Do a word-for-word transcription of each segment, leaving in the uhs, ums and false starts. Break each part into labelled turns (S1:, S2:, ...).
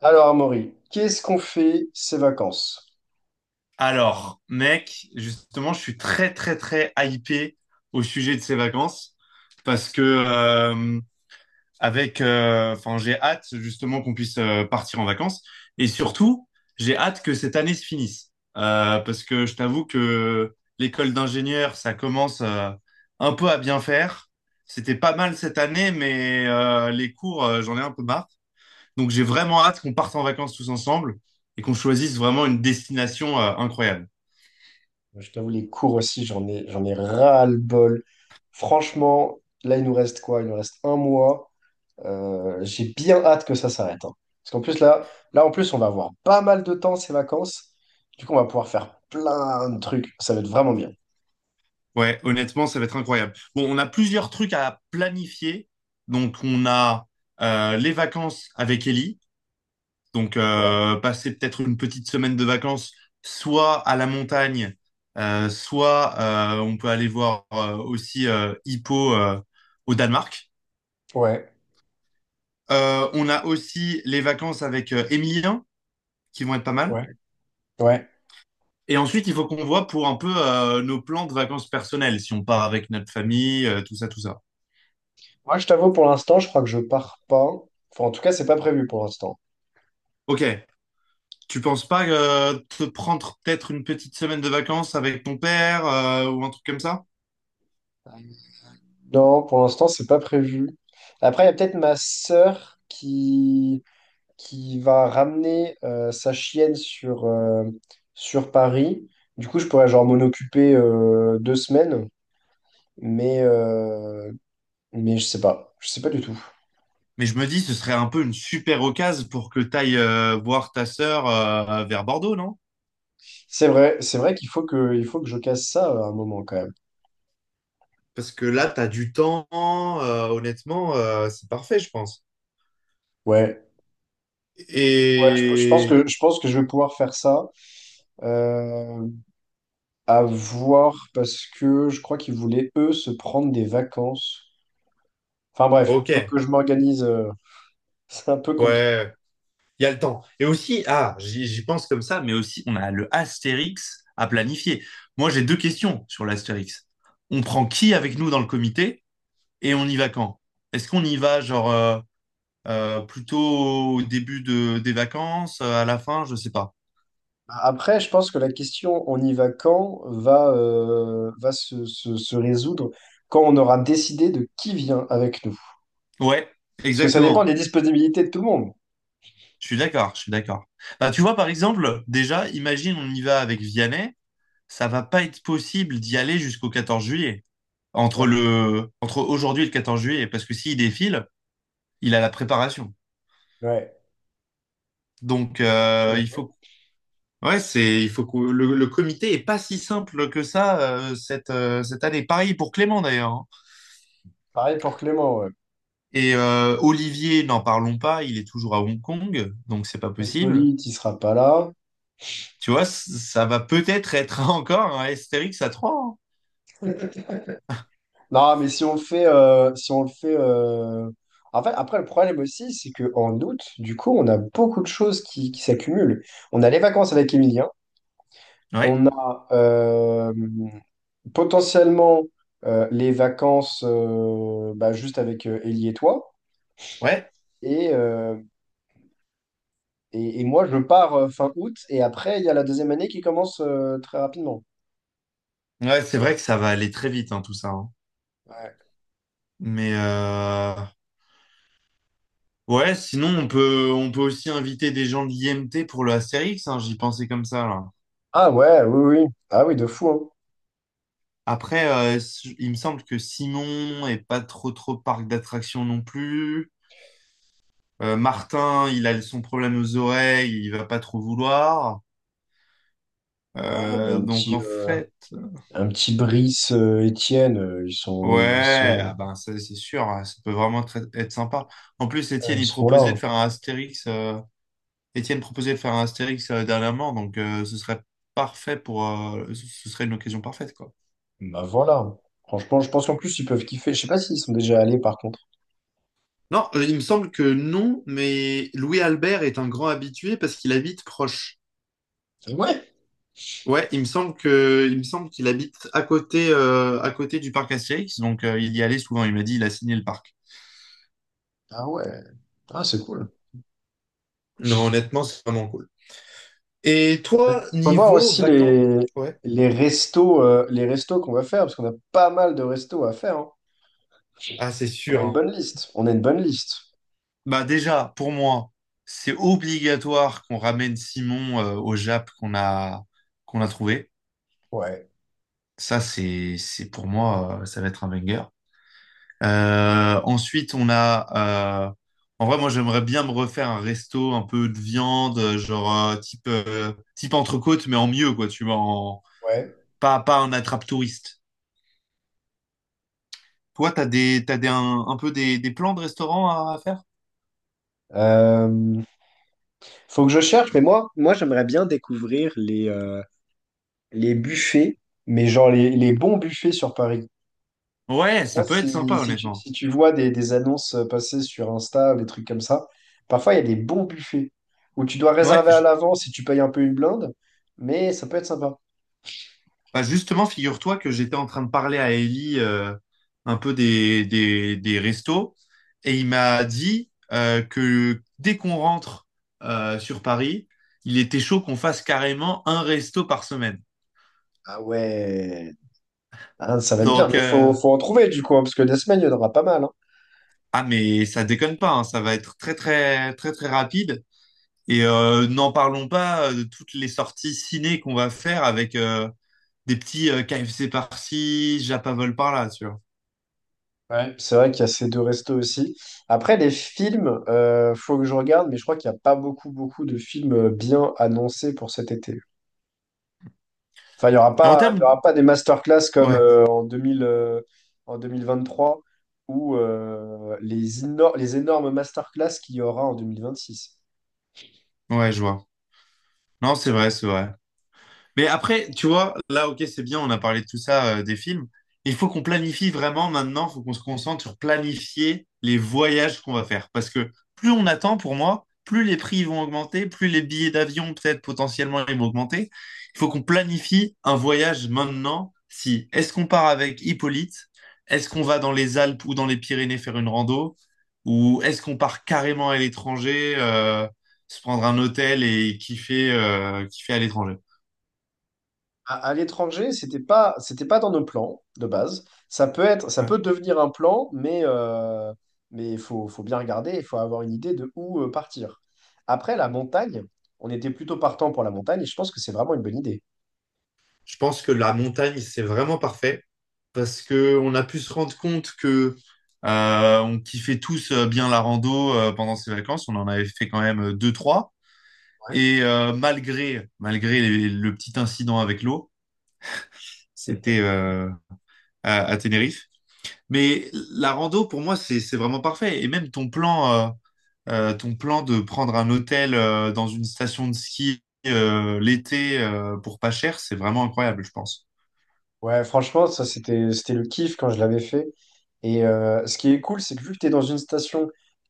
S1: Alors, Amaury, qu'est-ce qu'on fait ces vacances?
S2: Alors, mec, justement, je suis très, très, très hypé au sujet de ces vacances parce que, euh, avec, euh, enfin, j'ai hâte justement qu'on puisse euh, partir en vacances et surtout, j'ai hâte que cette année se finisse. Euh, parce que je t'avoue que l'école d'ingénieur, ça commence euh, un peu à bien faire. C'était pas mal cette année, mais euh, les cours, euh, j'en ai un peu marre. Donc, j'ai vraiment hâte qu'on parte en vacances tous ensemble et qu'on choisisse vraiment une destination euh, incroyable.
S1: Je t'avoue, les cours aussi, j'en ai, j'en ai ras-le-bol. Franchement, là, il nous reste quoi? Il nous reste un mois. Euh, j'ai bien hâte que ça s'arrête, hein. Parce qu'en plus, là, là, en plus, on va avoir pas mal de temps ces vacances. Du coup, on va pouvoir faire plein de trucs. Ça va être vraiment bien.
S2: Ouais, honnêtement, ça va être incroyable. Bon, on a plusieurs trucs à planifier. Donc, on a euh, les vacances avec Ellie. Donc,
S1: Ouais,
S2: euh, passer peut-être une petite semaine de vacances, soit à la montagne, euh, soit euh, on peut aller voir euh, aussi euh, Hippo euh, au Danemark.
S1: ouais,
S2: Euh, on a aussi les vacances avec euh, Emilien, qui vont être pas mal.
S1: ouais, ouais.
S2: Et ensuite, il faut qu'on voit pour un peu euh, nos plans de vacances personnelles, si on part avec notre famille, euh, tout ça, tout ça.
S1: Moi, je t'avoue, pour l'instant, je crois que je pars pas. Enfin, en tout cas, c'est pas prévu pour l'instant.
S2: Ok. Tu penses pas euh, te prendre peut-être une petite semaine de vacances avec ton père euh, ou un truc comme ça?
S1: Non, pour l'instant, c'est pas prévu. Après, il y a peut-être ma sœur qui, qui va ramener euh, sa chienne sur, euh, sur Paris. Du coup, je pourrais genre m'en occuper euh, deux semaines, mais, euh, mais je sais pas. Je sais pas du tout.
S2: Mais je me dis, ce serait un peu une super occasion pour que tu ailles voir ta sœur euh, vers Bordeaux, non?
S1: C'est vrai, c'est vrai qu'il faut que, il faut que je casse ça euh, à un moment quand même.
S2: Parce que là, tu as du temps, euh, honnêtement, euh, c'est parfait, je pense.
S1: Ouais. Ouais, je, je pense
S2: Et
S1: que, je pense que je vais pouvoir faire ça. Euh, à voir parce que je crois qu'ils voulaient, eux, se prendre des vacances. Enfin bref,
S2: ok.
S1: faut que je m'organise, euh, c'est un peu compliqué.
S2: Ouais, il y a le temps. Et aussi, ah, j'y j'y pense comme ça, mais aussi, on a le Astérix à planifier. Moi, j'ai deux questions sur l'Astérix. On prend qui avec nous dans le comité et on y va quand? Est-ce qu'on y va, genre, euh, euh, plutôt au début de, des vacances, euh, à la fin, je sais pas.
S1: Après, je pense que la question on y va quand va, euh, va se, se- se résoudre quand on aura décidé de qui vient avec nous.
S2: Ouais,
S1: Parce que ça dépend
S2: exactement.
S1: des disponibilités de tout le monde.
S2: Je suis d'accord, je suis d'accord. Bah, tu vois, par exemple, déjà, imagine, on y va avec Vianney, ça va pas être possible d'y aller jusqu'au quatorze juillet,
S1: Ouais,
S2: entre le entre aujourd'hui et le quatorze juillet, parce que s'il défile, il a la préparation.
S1: ouais,
S2: Donc
S1: c'est
S2: euh, il
S1: vrai.
S2: faut Ouais, c'est il faut que le, le comité est pas si simple que ça euh, cette euh, cette année. Pareil pour Clément d'ailleurs, hein.
S1: Pareil pour Clément, ouais.
S2: Et euh, Olivier, n'en parlons pas, il est toujours à Hong Kong, donc c'est pas possible.
S1: Hippolyte, il sera pas là.
S2: Tu vois, c- ça va peut-être être encore un Astérix à trois,
S1: Non, mais si on le fait, euh, si on le fait. euh, En fait, après, le problème aussi, c'est qu'en août, du coup, on a beaucoup de choses qui, qui s'accumulent. On a les vacances avec Emilien.
S2: hein. Ouais.
S1: On a. Euh, potentiellement euh, les vacances euh, bah, juste avec euh, Ellie et toi.
S2: Ouais.
S1: Et, euh, et, et moi, je pars euh, fin août. Et après, il y a la deuxième année qui commence euh, très rapidement.
S2: Ouais, c'est vrai que ça va aller très vite hein, tout ça, hein.
S1: Ouais.
S2: Mais euh, Ouais, sinon on peut on peut aussi inviter des gens de l'I M T pour le Astérix, hein, j'y pensais comme ça là.
S1: Ah ouais, oui, oui. Ah oui, de fou, hein.
S2: Après, euh, s- il me semble que Simon est pas trop trop parc d'attractions non plus. Euh, Martin, il a son problème aux oreilles, il va pas trop vouloir.
S1: Ouais, mais
S2: Euh,
S1: un
S2: donc
S1: petit,
S2: en
S1: euh,
S2: fait,
S1: un petit Brice, euh, Étienne, euh, ils sont, ils
S2: ouais,
S1: sont,
S2: ah ben ça c'est sûr, hein, ça peut vraiment être, être sympa. En plus,
S1: euh,
S2: Étienne
S1: ils
S2: il
S1: sont là,
S2: proposait de
S1: hein.
S2: faire un Astérix. euh, Étienne proposait de faire un Astérix euh, dernièrement, donc euh, ce serait parfait pour, euh, ce ce serait une occasion parfaite quoi.
S1: Bah voilà. Franchement, je pense qu'en plus, ils peuvent kiffer. Je sais pas s'ils sont déjà allés, par contre.
S2: Non, euh, il me semble que non, mais Louis Albert est un grand habitué parce qu'il habite proche.
S1: Ah ouais.
S2: Ouais, il me semble que, il me semble qu'il habite à côté, euh, à côté du parc Astérix, donc euh, il y allait souvent. Il m'a dit, il a signé le parc.
S1: Ah ouais. Ah, c'est cool.
S2: Non, honnêtement, c'est vraiment cool. Et
S1: Il
S2: toi,
S1: faut voir
S2: niveau
S1: aussi
S2: vacances?
S1: les,
S2: Ouais.
S1: les restos, euh, les restos qu'on va faire, parce qu'on a pas mal de restos à faire, hein.
S2: Ah, c'est
S1: On a
S2: sûr,
S1: une
S2: hein.
S1: bonne liste. On a une bonne liste.
S2: Bah déjà, pour moi, c'est obligatoire qu'on ramène Simon euh, au Jap qu'on a qu'on a trouvé.
S1: Ouais,
S2: Ça, c'est c'est pour moi, euh, ça va être un banger. Euh, ensuite, on a... euh, en vrai, moi, j'aimerais bien me refaire un resto un peu de viande, euh, genre euh, type, euh, type entrecôte, mais en mieux, quoi, tu vois, en...
S1: ouais.
S2: pas, pas un attrape-touriste. Toi, t'as des, t'as des, un, un peu des, des plans de restaurant à, à faire?
S1: Euh, Faut que je cherche, mais moi, moi j'aimerais bien découvrir les, euh, les buffets, mais genre les, les bons buffets sur Paris. Je
S2: Ouais,
S1: sais pas
S2: ça peut être
S1: si,
S2: sympa,
S1: si tu,
S2: honnêtement.
S1: si tu vois des, des annonces passer sur Insta, des trucs comme ça. Parfois, il y a des bons buffets où tu dois
S2: Ouais,
S1: réserver à l'avance si tu payes un peu une blinde, mais ça peut être sympa.
S2: bah, justement, figure-toi que j'étais en train de parler à Ellie euh, un peu des, des, des restos et il m'a dit euh, que dès qu'on rentre euh, sur Paris, il était chaud qu'on fasse carrément un resto par semaine.
S1: Ah ouais, ah, ça va être bien,
S2: Donc,
S1: mais faut,
S2: euh,
S1: faut en trouver du coup, hein, parce que des semaines, il y en aura pas mal, hein.
S2: ah mais ça déconne pas, hein, ça va être très très très très rapide. Et euh, n'en parlons pas euh, de toutes les sorties ciné qu'on va faire avec euh, des petits euh, K F C par-ci, Japavol par-là, tu vois.
S1: Ouais. C'est vrai qu'il y a ces deux restos aussi. Après, les films, euh, faut que je regarde, mais je crois qu'il n'y a pas beaucoup, beaucoup de films euh, bien annoncés pour cet été. Enfin, il n'y aura
S2: Et en
S1: pas, il y
S2: termes...
S1: aura pas des masterclass comme
S2: Ouais,
S1: euh, en deux mille, euh, en deux mille vingt-trois ou euh, les, éno- les énormes masterclass qu'il y aura en deux mille vingt-six.
S2: ouais, je vois. Non, c'est vrai, c'est vrai. Mais après, tu vois, là, ok, c'est bien, on a parlé de tout ça, euh, des films. Il faut qu'on planifie vraiment maintenant, il faut qu'on se concentre sur planifier les voyages qu'on va faire. Parce que plus on attend, pour moi, plus les prix vont augmenter, plus les billets d'avion, peut-être potentiellement, ils vont augmenter. Il faut qu'on planifie un voyage maintenant. Si, Est-ce qu'on part avec Hippolyte? Est-ce qu'on va dans les Alpes ou dans les Pyrénées faire une rando? Ou est-ce qu'on part carrément à l'étranger, euh, se prendre un hôtel et kiffer, euh, kiffer à l'étranger?
S1: À, à l'étranger, c'était pas, c'était pas dans nos plans de base. Ça peut être, ça
S2: Ouais.
S1: peut devenir un plan, mais euh, mais il faut, faut bien regarder, il faut avoir une idée de où euh, partir. Après, la montagne, on était plutôt partant pour la montagne et je pense que c'est vraiment une bonne idée.
S2: Je pense que la montagne, c'est vraiment parfait parce que on a pu se rendre compte que euh, on kiffait tous euh, bien la rando euh, pendant ces vacances. On en avait fait quand même euh, deux, trois.
S1: Ouais,
S2: Et euh, malgré malgré les- le petit incident avec l'eau, c'était euh, à, à Tenerife. Mais la rando, pour moi, c'est c'est vraiment parfait. Et même ton plan, euh, euh, ton plan de prendre un hôtel euh, dans une station de ski euh, l'été euh, pour pas cher, c'est vraiment incroyable, je pense.
S1: ouais, franchement, ça c'était c'était le kiff quand je l'avais fait. Et euh, ce qui est cool, c'est que vu que t'es dans une station,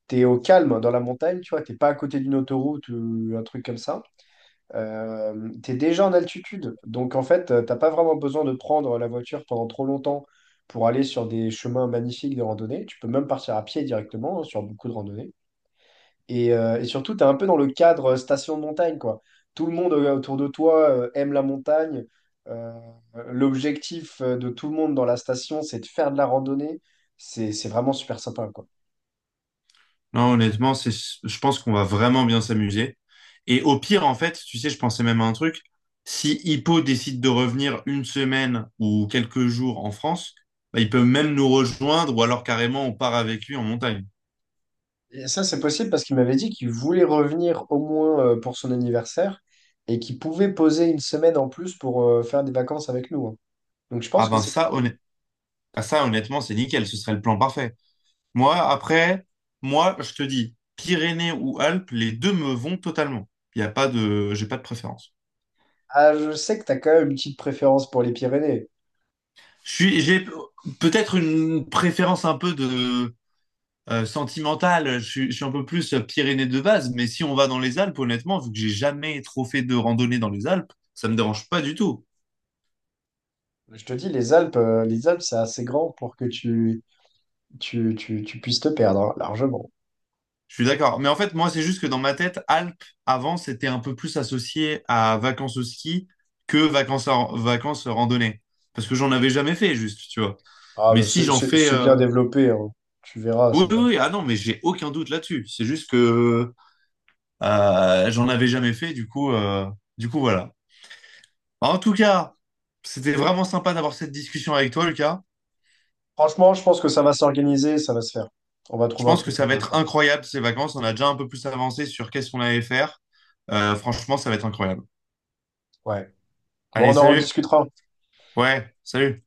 S1: t'es au calme dans la montagne, tu vois, t'es pas à côté d'une autoroute ou un truc comme ça. Euh, tu déjà en altitude. Donc en fait, euh, t'as pas vraiment besoin de prendre la voiture pendant trop longtemps pour aller sur des chemins magnifiques de randonnée. Tu peux même partir à pied directement hein, sur beaucoup de randonnées. Et, euh, et surtout, tu es un peu dans le cadre euh, station de montagne, quoi. Tout le monde euh, autour de toi euh, aime la montagne. Euh, L'objectif euh, de tout le monde dans la station, c'est de faire de la randonnée. C'est, c'est vraiment super sympa, quoi.
S2: Non, honnêtement, c'est, je pense qu'on va vraiment bien s'amuser. Et au pire, en fait, tu sais, je pensais même à un truc. Si Hippo décide de revenir une semaine ou quelques jours en France, bah, il peut même nous rejoindre ou alors carrément on part avec lui en montagne.
S1: Et ça, c'est possible parce qu'il m'avait dit qu'il voulait revenir au moins euh, pour son anniversaire et qu'il pouvait poser une semaine en plus pour euh, faire des vacances avec nous, hein. Donc, je
S2: Ah
S1: pense que
S2: ben
S1: c'est
S2: ça,
S1: possible.
S2: honnêt- ah, ça honnêtement, c'est nickel, ce serait le plan parfait. Moi, après, moi, je te dis, Pyrénées ou Alpes, les deux me vont totalement. Il y a pas de, j'ai pas de préférence.
S1: Ah, je sais que tu as quand même une petite préférence pour les Pyrénées.
S2: Je suis, j'ai peut-être une préférence un peu de euh, sentimentale. Je suis, je suis un peu plus Pyrénées de base, mais si on va dans les Alpes, honnêtement, vu que j'ai jamais trop fait de randonnée dans les Alpes, ça me dérange pas du tout.
S1: Je te dis, les Alpes, euh, les Alpes, c'est assez grand pour que tu, tu, tu, tu puisses te perdre, hein, largement.
S2: Je suis d'accord. Mais en fait, moi, c'est juste que dans ma tête, Alpes, avant, c'était un peu plus associé à vacances au ski que vacances, à- vacances randonnées. Parce que j'en avais jamais fait, juste, tu vois.
S1: Ah,
S2: Mais
S1: mais
S2: si
S1: c'est
S2: j'en
S1: c'est-
S2: fais...
S1: c'est bien
S2: euh,
S1: développé, hein. Tu verras,
S2: Oui,
S1: c'est
S2: oui,
S1: bien.
S2: oui. Ah non, mais j'ai aucun doute là-dessus. C'est juste que euh, j'en avais jamais fait, du coup, euh, du coup, voilà. En tout cas, c'était vraiment sympa d'avoir cette discussion avec toi, Lucas.
S1: Franchement, je pense que ça va s'organiser, ça va se faire. On va
S2: Je
S1: trouver un
S2: pense que
S1: truc
S2: ça va
S1: sympa à
S2: être
S1: faire.
S2: incroyable, ces vacances. On a déjà un peu plus avancé sur qu'est-ce qu'on allait faire. Euh, franchement, ça va être incroyable.
S1: Ouais. Bon,
S2: Allez,
S1: on en
S2: salut!
S1: rediscutera.
S2: Ouais, salut.